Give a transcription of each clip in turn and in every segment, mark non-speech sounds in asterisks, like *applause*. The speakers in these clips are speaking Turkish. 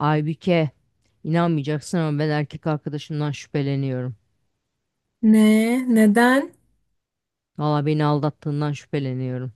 Aybüke, inanmayacaksın ama ben erkek arkadaşımdan şüpheleniyorum. Ne? Neden? Valla beni aldattığından şüpheleniyorum.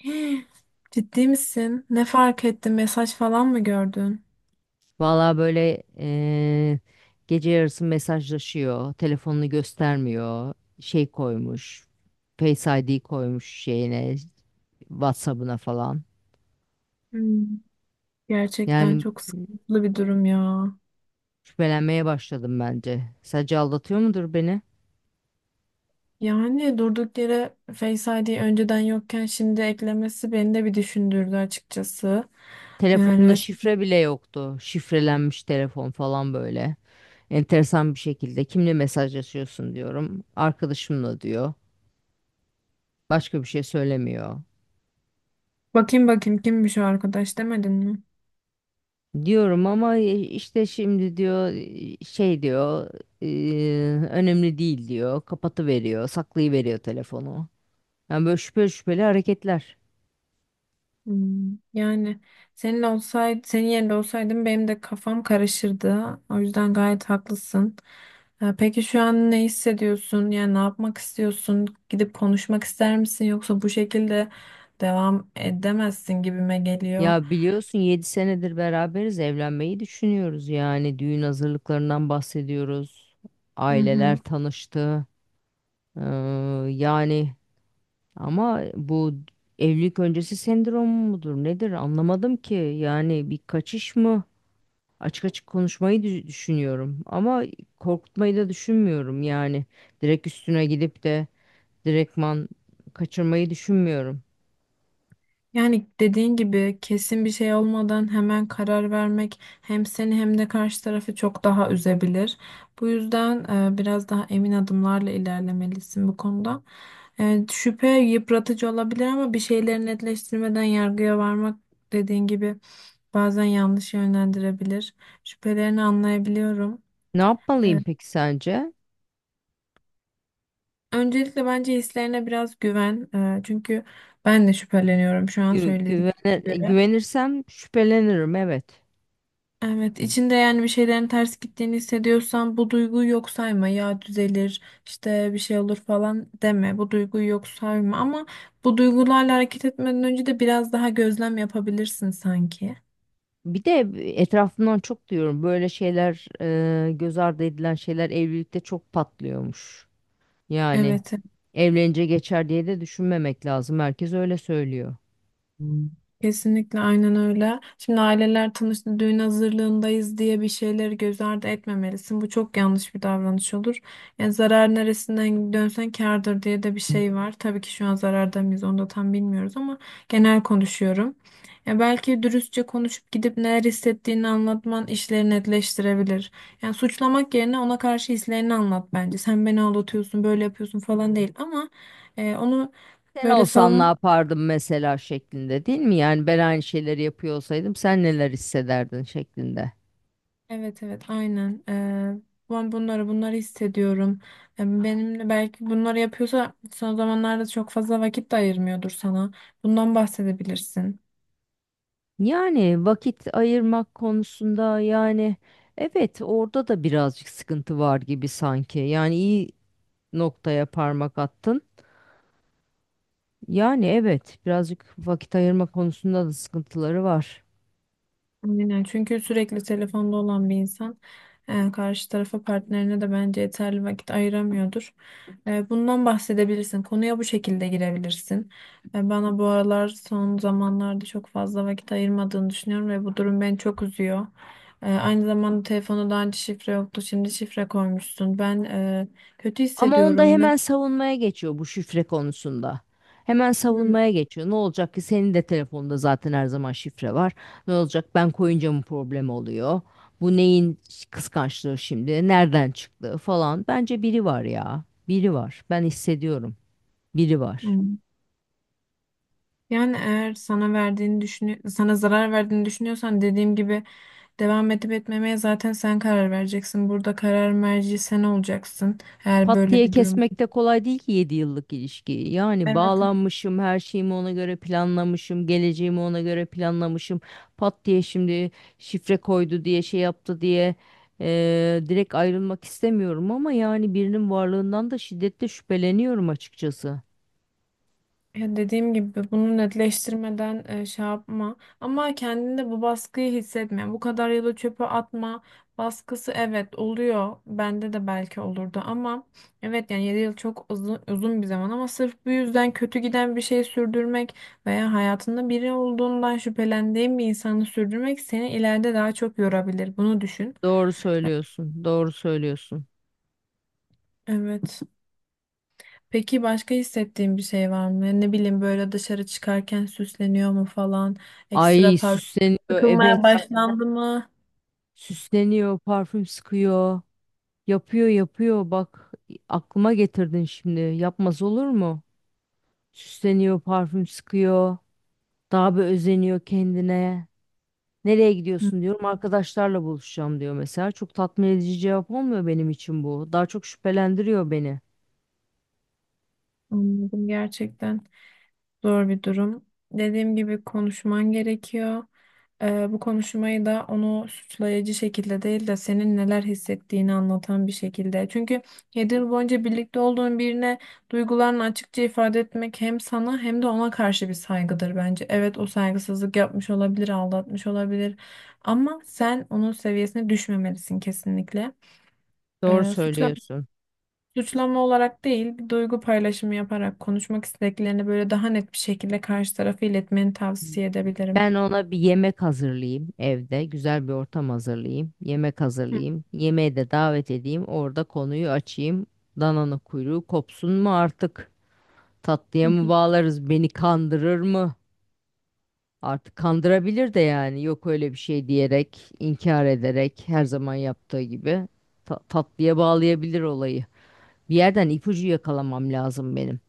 *gasps* Ciddi misin? Ne fark ettin? Mesaj falan mı gördün? Valla böyle gece yarısı mesajlaşıyor, telefonunu göstermiyor, şey koymuş, Face ID koymuş şeyine, WhatsApp'ına falan. Hmm, Gerçekten Yani çok sıkıntılı bir durum ya. şüphelenmeye başladım bence. Sadece aldatıyor mudur beni? Yani durduk yere Face ID önceden yokken şimdi eklemesi beni de bir düşündürdü açıkçası. Yani Telefonunda şifre bile yoktu. Şifrelenmiş telefon falan böyle. Enteresan bir şekilde kimle mesajlaşıyorsun diyorum. Arkadaşımla diyor. Başka bir şey söylemiyor. bakayım bakayım kimmiş o arkadaş demedin mi? Diyorum ama işte şimdi diyor, şey diyor, önemli değil," diyor. Kapatıveriyor, saklayıveriyor telefonu. Yani böyle şüpheli şüpheli hareketler. Yani senin yerinde olsaydım benim de kafam karışırdı. O yüzden gayet haklısın. Peki şu an ne hissediyorsun? Yani ne yapmak istiyorsun? Gidip konuşmak ister misin? Yoksa bu şekilde devam edemezsin gibime geliyor. Ya biliyorsun 7 senedir beraberiz, evlenmeyi düşünüyoruz, yani düğün hazırlıklarından bahsediyoruz. Hı Aileler hı. tanıştı. Eee, yani ama bu evlilik öncesi sendrom mudur nedir anlamadım ki. Yani bir kaçış mı? Açık açık konuşmayı düşünüyorum ama korkutmayı da düşünmüyorum yani. Direkt üstüne gidip de direktman kaçırmayı düşünmüyorum. Yani dediğin gibi kesin bir şey olmadan hemen karar vermek hem seni hem de karşı tarafı çok daha üzebilir. Bu yüzden biraz daha emin adımlarla ilerlemelisin bu konuda. Şüphe yıpratıcı olabilir ama bir şeyleri netleştirmeden yargıya varmak, dediğin gibi, bazen yanlış yönlendirebilir. Şüphelerini anlayabiliyorum. Ne E, yapmalıyım peki sence? öncelikle bence hislerine biraz güven. Çünkü ben de şüpheleniyorum şu an söyledikleri. Güvenirsem şüphelenirim, evet. Evet, içinde yani bir şeylerin ters gittiğini hissediyorsan bu duyguyu yok sayma. Ya düzelir, işte bir şey olur falan deme. Bu duyguyu yok sayma, ama bu duygularla hareket etmeden önce de biraz daha gözlem yapabilirsin sanki. Bir de etrafımdan çok diyorum böyle şeyler, göz ardı edilen şeyler evlilikte çok patlıyormuş. Yani. Evet. Evlenince geçer diye de düşünmemek lazım. Herkes öyle söylüyor. Hmm. Kesinlikle aynen öyle. Şimdi aileler tanıştı, düğün hazırlığındayız diye bir şeyleri göz ardı etmemelisin. Bu çok yanlış bir davranış olur. Yani zarar neresinden dönsen kârdır diye de bir şey var. Tabii ki şu an zararda mıyız onu da tam bilmiyoruz ama genel konuşuyorum. Ya belki dürüstçe konuşup gidip neler hissettiğini anlatman işleri netleştirebilir. Yani suçlamak yerine ona karşı hislerini anlat bence. Sen beni aldatıyorsun, böyle yapıyorsun falan değil ama onu. Sen Böyle olsan ne savunma. yapardın mesela şeklinde değil mi? Yani ben aynı şeyleri yapıyor olsaydım sen neler hissederdin şeklinde. Evet, evet, aynen. Ben bunları hissediyorum. Benimle belki bunları yapıyorsa son zamanlarda çok fazla vakit de ayırmıyordur sana. Bundan bahsedebilirsin. Yani vakit ayırmak konusunda, yani evet, orada da birazcık sıkıntı var gibi sanki. Yani iyi noktaya parmak attın. Yani evet, birazcık vakit ayırma konusunda da sıkıntıları var. Aynen. Çünkü sürekli telefonda olan bir insan karşı tarafa, partnerine de bence yeterli vakit ayıramıyordur. Bundan bahsedebilirsin. Konuya bu şekilde girebilirsin. Bana bu aralar, son zamanlarda çok fazla vakit ayırmadığını düşünüyorum ve bu durum beni çok üzüyor. Aynı zamanda telefonu daha önce şifre yoktu. Şimdi şifre koymuşsun. Ben kötü Ama onda hissediyorum. Ne? hemen savunmaya geçiyor bu şifre konusunda. Hemen Hı, savunmaya geçiyor. Ne olacak ki, senin de telefonunda zaten her zaman şifre var. Ne olacak, ben koyunca mı problem oluyor? Bu neyin kıskançlığı şimdi? Nereden çıktı falan. Bence biri var ya. Biri var. Ben hissediyorum. Biri var. hı. Yani eğer sana zarar verdiğini düşünüyorsan, dediğim gibi, devam edip etmemeye zaten sen karar vereceksin. Burada karar merci sen olacaksın. Eğer Pat böyle diye bir durum. kesmek de kolay değil ki 7 yıllık ilişkiyi. Yani Evet. bağlanmışım, her şeyimi ona göre planlamışım, geleceğimi ona göre planlamışım. Pat diye şimdi şifre koydu diye, şey yaptı diye, direkt ayrılmak istemiyorum ama yani birinin varlığından da şiddetle şüpheleniyorum açıkçası. Ya dediğim gibi bunu netleştirmeden şey yapma. Ama kendinde bu baskıyı hissetme. Bu kadar yılı çöpe atma. Baskısı evet oluyor. Bende de belki olurdu ama evet, yani 7 yıl çok uzun, uzun bir zaman ama sırf bu yüzden kötü giden bir şey sürdürmek veya hayatında biri olduğundan şüphelendiğin bir insanı sürdürmek seni ileride daha çok yorabilir. Bunu düşün. Doğru söylüyorsun, doğru söylüyorsun. Evet. Peki başka hissettiğin bir şey var mı? Ne bileyim, böyle dışarı çıkarken süsleniyor mu falan? Ekstra Ay parfüm süsleniyor, sıkılmaya evet, başlandı mı? süsleniyor, parfüm sıkıyor, yapıyor yapıyor, bak, aklıma getirdin şimdi, yapmaz olur mu? Süsleniyor, parfüm sıkıyor. Daha bir özeniyor kendine. Nereye Hı, gidiyorsun diyorum. Arkadaşlarla buluşacağım diyor mesela. Çok tatmin edici cevap olmuyor benim için bu. Daha çok şüphelendiriyor beni. anladım gerçekten. Zor bir durum. Dediğim gibi konuşman gerekiyor. Bu konuşmayı da onu suçlayıcı şekilde değil de senin neler hissettiğini anlatan bir şekilde. Çünkü 7 yıl boyunca birlikte olduğun birine duygularını açıkça ifade etmek hem sana hem de ona karşı bir saygıdır bence. Evet, o saygısızlık yapmış olabilir, aldatmış olabilir ama sen onun seviyesine düşmemelisin kesinlikle. Doğru Ee, suçlama söylüyorsun. Suçlama olarak değil, bir duygu paylaşımı yaparak konuşmak istediklerini böyle daha net bir şekilde karşı tarafı iletmeni tavsiye edebilirim. Ben ona bir yemek hazırlayayım evde. Güzel bir ortam hazırlayayım. Yemek Hı. hazırlayayım. Yemeğe de davet edeyim. Orada konuyu açayım. Dananın kuyruğu kopsun mu artık? Hı Tatlıya mı hı. bağlarız? Beni kandırır mı? Artık kandırabilir de, yani yok öyle bir şey diyerek, inkar ederek, her zaman yaptığı gibi tatlıya bağlayabilir olayı. Bir yerden ipucu yakalamam lazım benim.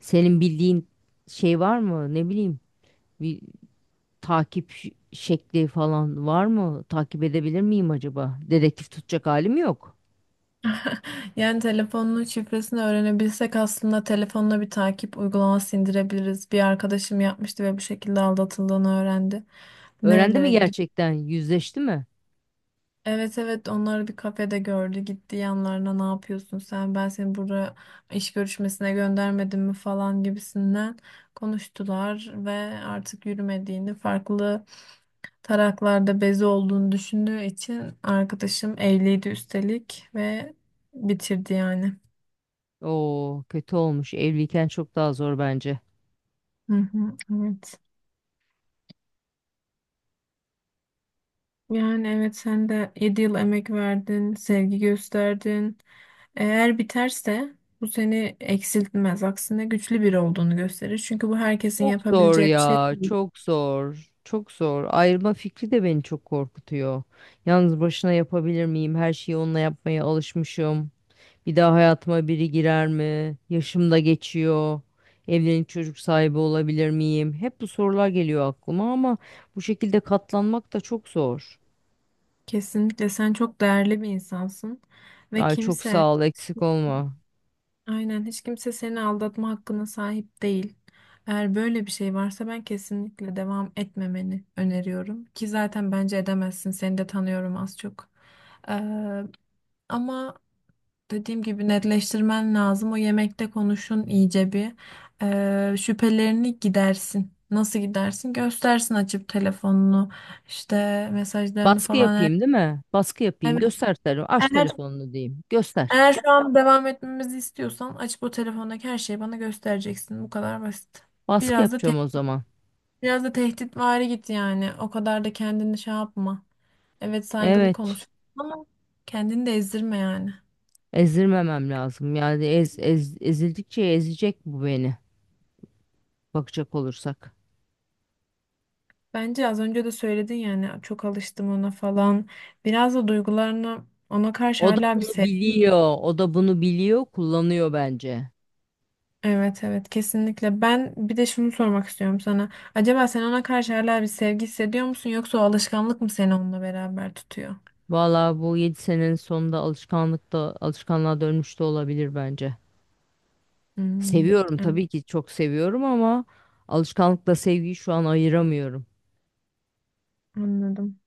Senin bildiğin şey var mı? Ne bileyim, bir takip şekli falan var mı? Takip edebilir miyim acaba? Dedektif tutacak halim yok. Yani telefonunun şifresini öğrenebilsek aslında telefonuna bir takip uygulaması indirebiliriz. Bir arkadaşım yapmıştı ve bu şekilde aldatıldığını öğrendi. Öğrendi mi Nerelere gidip? gerçekten? Yüzleşti mi? Evet, evet, onları bir kafede gördü, gitti yanlarına, ne yapıyorsun sen, ben seni buraya iş görüşmesine göndermedim mi falan gibisinden konuştular ve artık yürümediğini, farklı taraklarda bezi olduğunu düşündüğü için, arkadaşım evliydi üstelik, ve bitirdi yani. Oo, kötü olmuş. Evliyken çok daha zor bence. Hı hı, evet. Yani evet, sen de 7 yıl emek verdin, sevgi gösterdin. Eğer biterse bu seni eksiltmez. Aksine güçlü biri olduğunu gösterir. Çünkü bu herkesin Çok zor yapabileceği bir şey ya, değil. çok zor, çok zor. Ayrılma fikri de beni çok korkutuyor. Yalnız başına yapabilir miyim? Her şeyi onunla yapmaya alışmışım. Bir daha hayatıma biri girer mi? Yaşım da geçiyor. Evlenip çocuk sahibi olabilir miyim? Hep bu sorular geliyor aklıma ama bu şekilde katlanmak da çok zor. Kesinlikle sen çok değerli bir insansın ve Ay çok kimse... sağ ol, eksik olma. Aynen, hiç kimse seni aldatma hakkına sahip değil. Eğer böyle bir şey varsa ben kesinlikle devam etmemeni öneriyorum. Ki zaten bence edemezsin. Seni de tanıyorum az çok. Ee, ama dediğim gibi netleştirmen lazım. O yemekte konuşun iyice bir. Şüphelerini gidersin. Nasıl gidersin? Göstersin açıp telefonunu, işte mesajlarını Baskı falan. yapayım değil mi? Baskı yapayım. Evet. Göster telefonu. Aç Eğer telefonunu diyeyim. Göster. eğer şu an devam etmemizi istiyorsan açıp o telefondaki her şeyi bana göstereceksin. Bu kadar basit. Baskı Biraz da te yapacağım o zaman. biraz da tehditvari git yani. O kadar da kendini şey yapma. Evet, saygılı Evet. konuş ama kendini de ezdirme yani. Ezdirmemem lazım. Yani ezildikçe ezecek bu beni. Bakacak olursak. Bence az önce de söyledin yani, çok alıştım ona falan. Biraz da duygularını ona karşı O da hala bir bunu sev. biliyor. O da bunu biliyor, kullanıyor bence. Evet, evet, kesinlikle. Ben bir de şunu sormak istiyorum sana. Acaba sen ona karşı hala bir sevgi hissediyor musun, yoksa o alışkanlık mı seni onunla beraber tutuyor? Vallahi bu 7 senenin sonunda alışkanlığa dönmüş de olabilir bence. Hmm, Seviyorum evet, tabii ki, çok seviyorum ama alışkanlıkla sevgiyi şu an ayıramıyorum. anladım.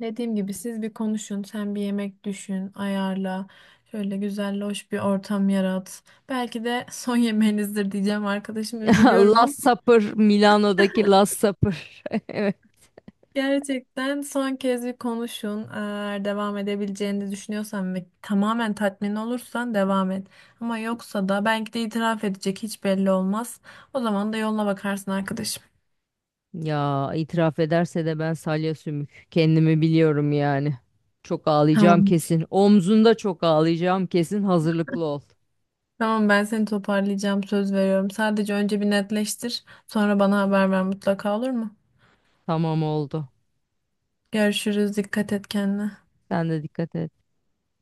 Dediğim gibi siz bir konuşun, sen bir yemek düşün, ayarla. Şöyle güzel, hoş bir ortam yarat. Belki de *laughs* son yemeğinizdir diyeceğim arkadaşım, *laughs* üzülüyorum ama Last Supper, Milano'daki Last Supper. *laughs* gerçekten son kez bir konuşun. Eğer devam edebileceğini düşünüyorsan ve tamamen tatmin olursan devam et. Ama yoksa da belki de itiraf edecek, hiç belli olmaz. O zaman da yoluna bakarsın arkadaşım. Ya itiraf ederse de ben salya sümük. Kendimi biliyorum yani. Çok ağlayacağım Tamam. kesin. Omzunda çok ağlayacağım kesin. Hazırlıklı ol. Tamam, ben seni toparlayacağım, söz veriyorum. Sadece önce bir netleştir, sonra bana haber ver mutlaka, olur mu? Tamam, oldu. Görüşürüz, dikkat et kendine. Sen de dikkat et.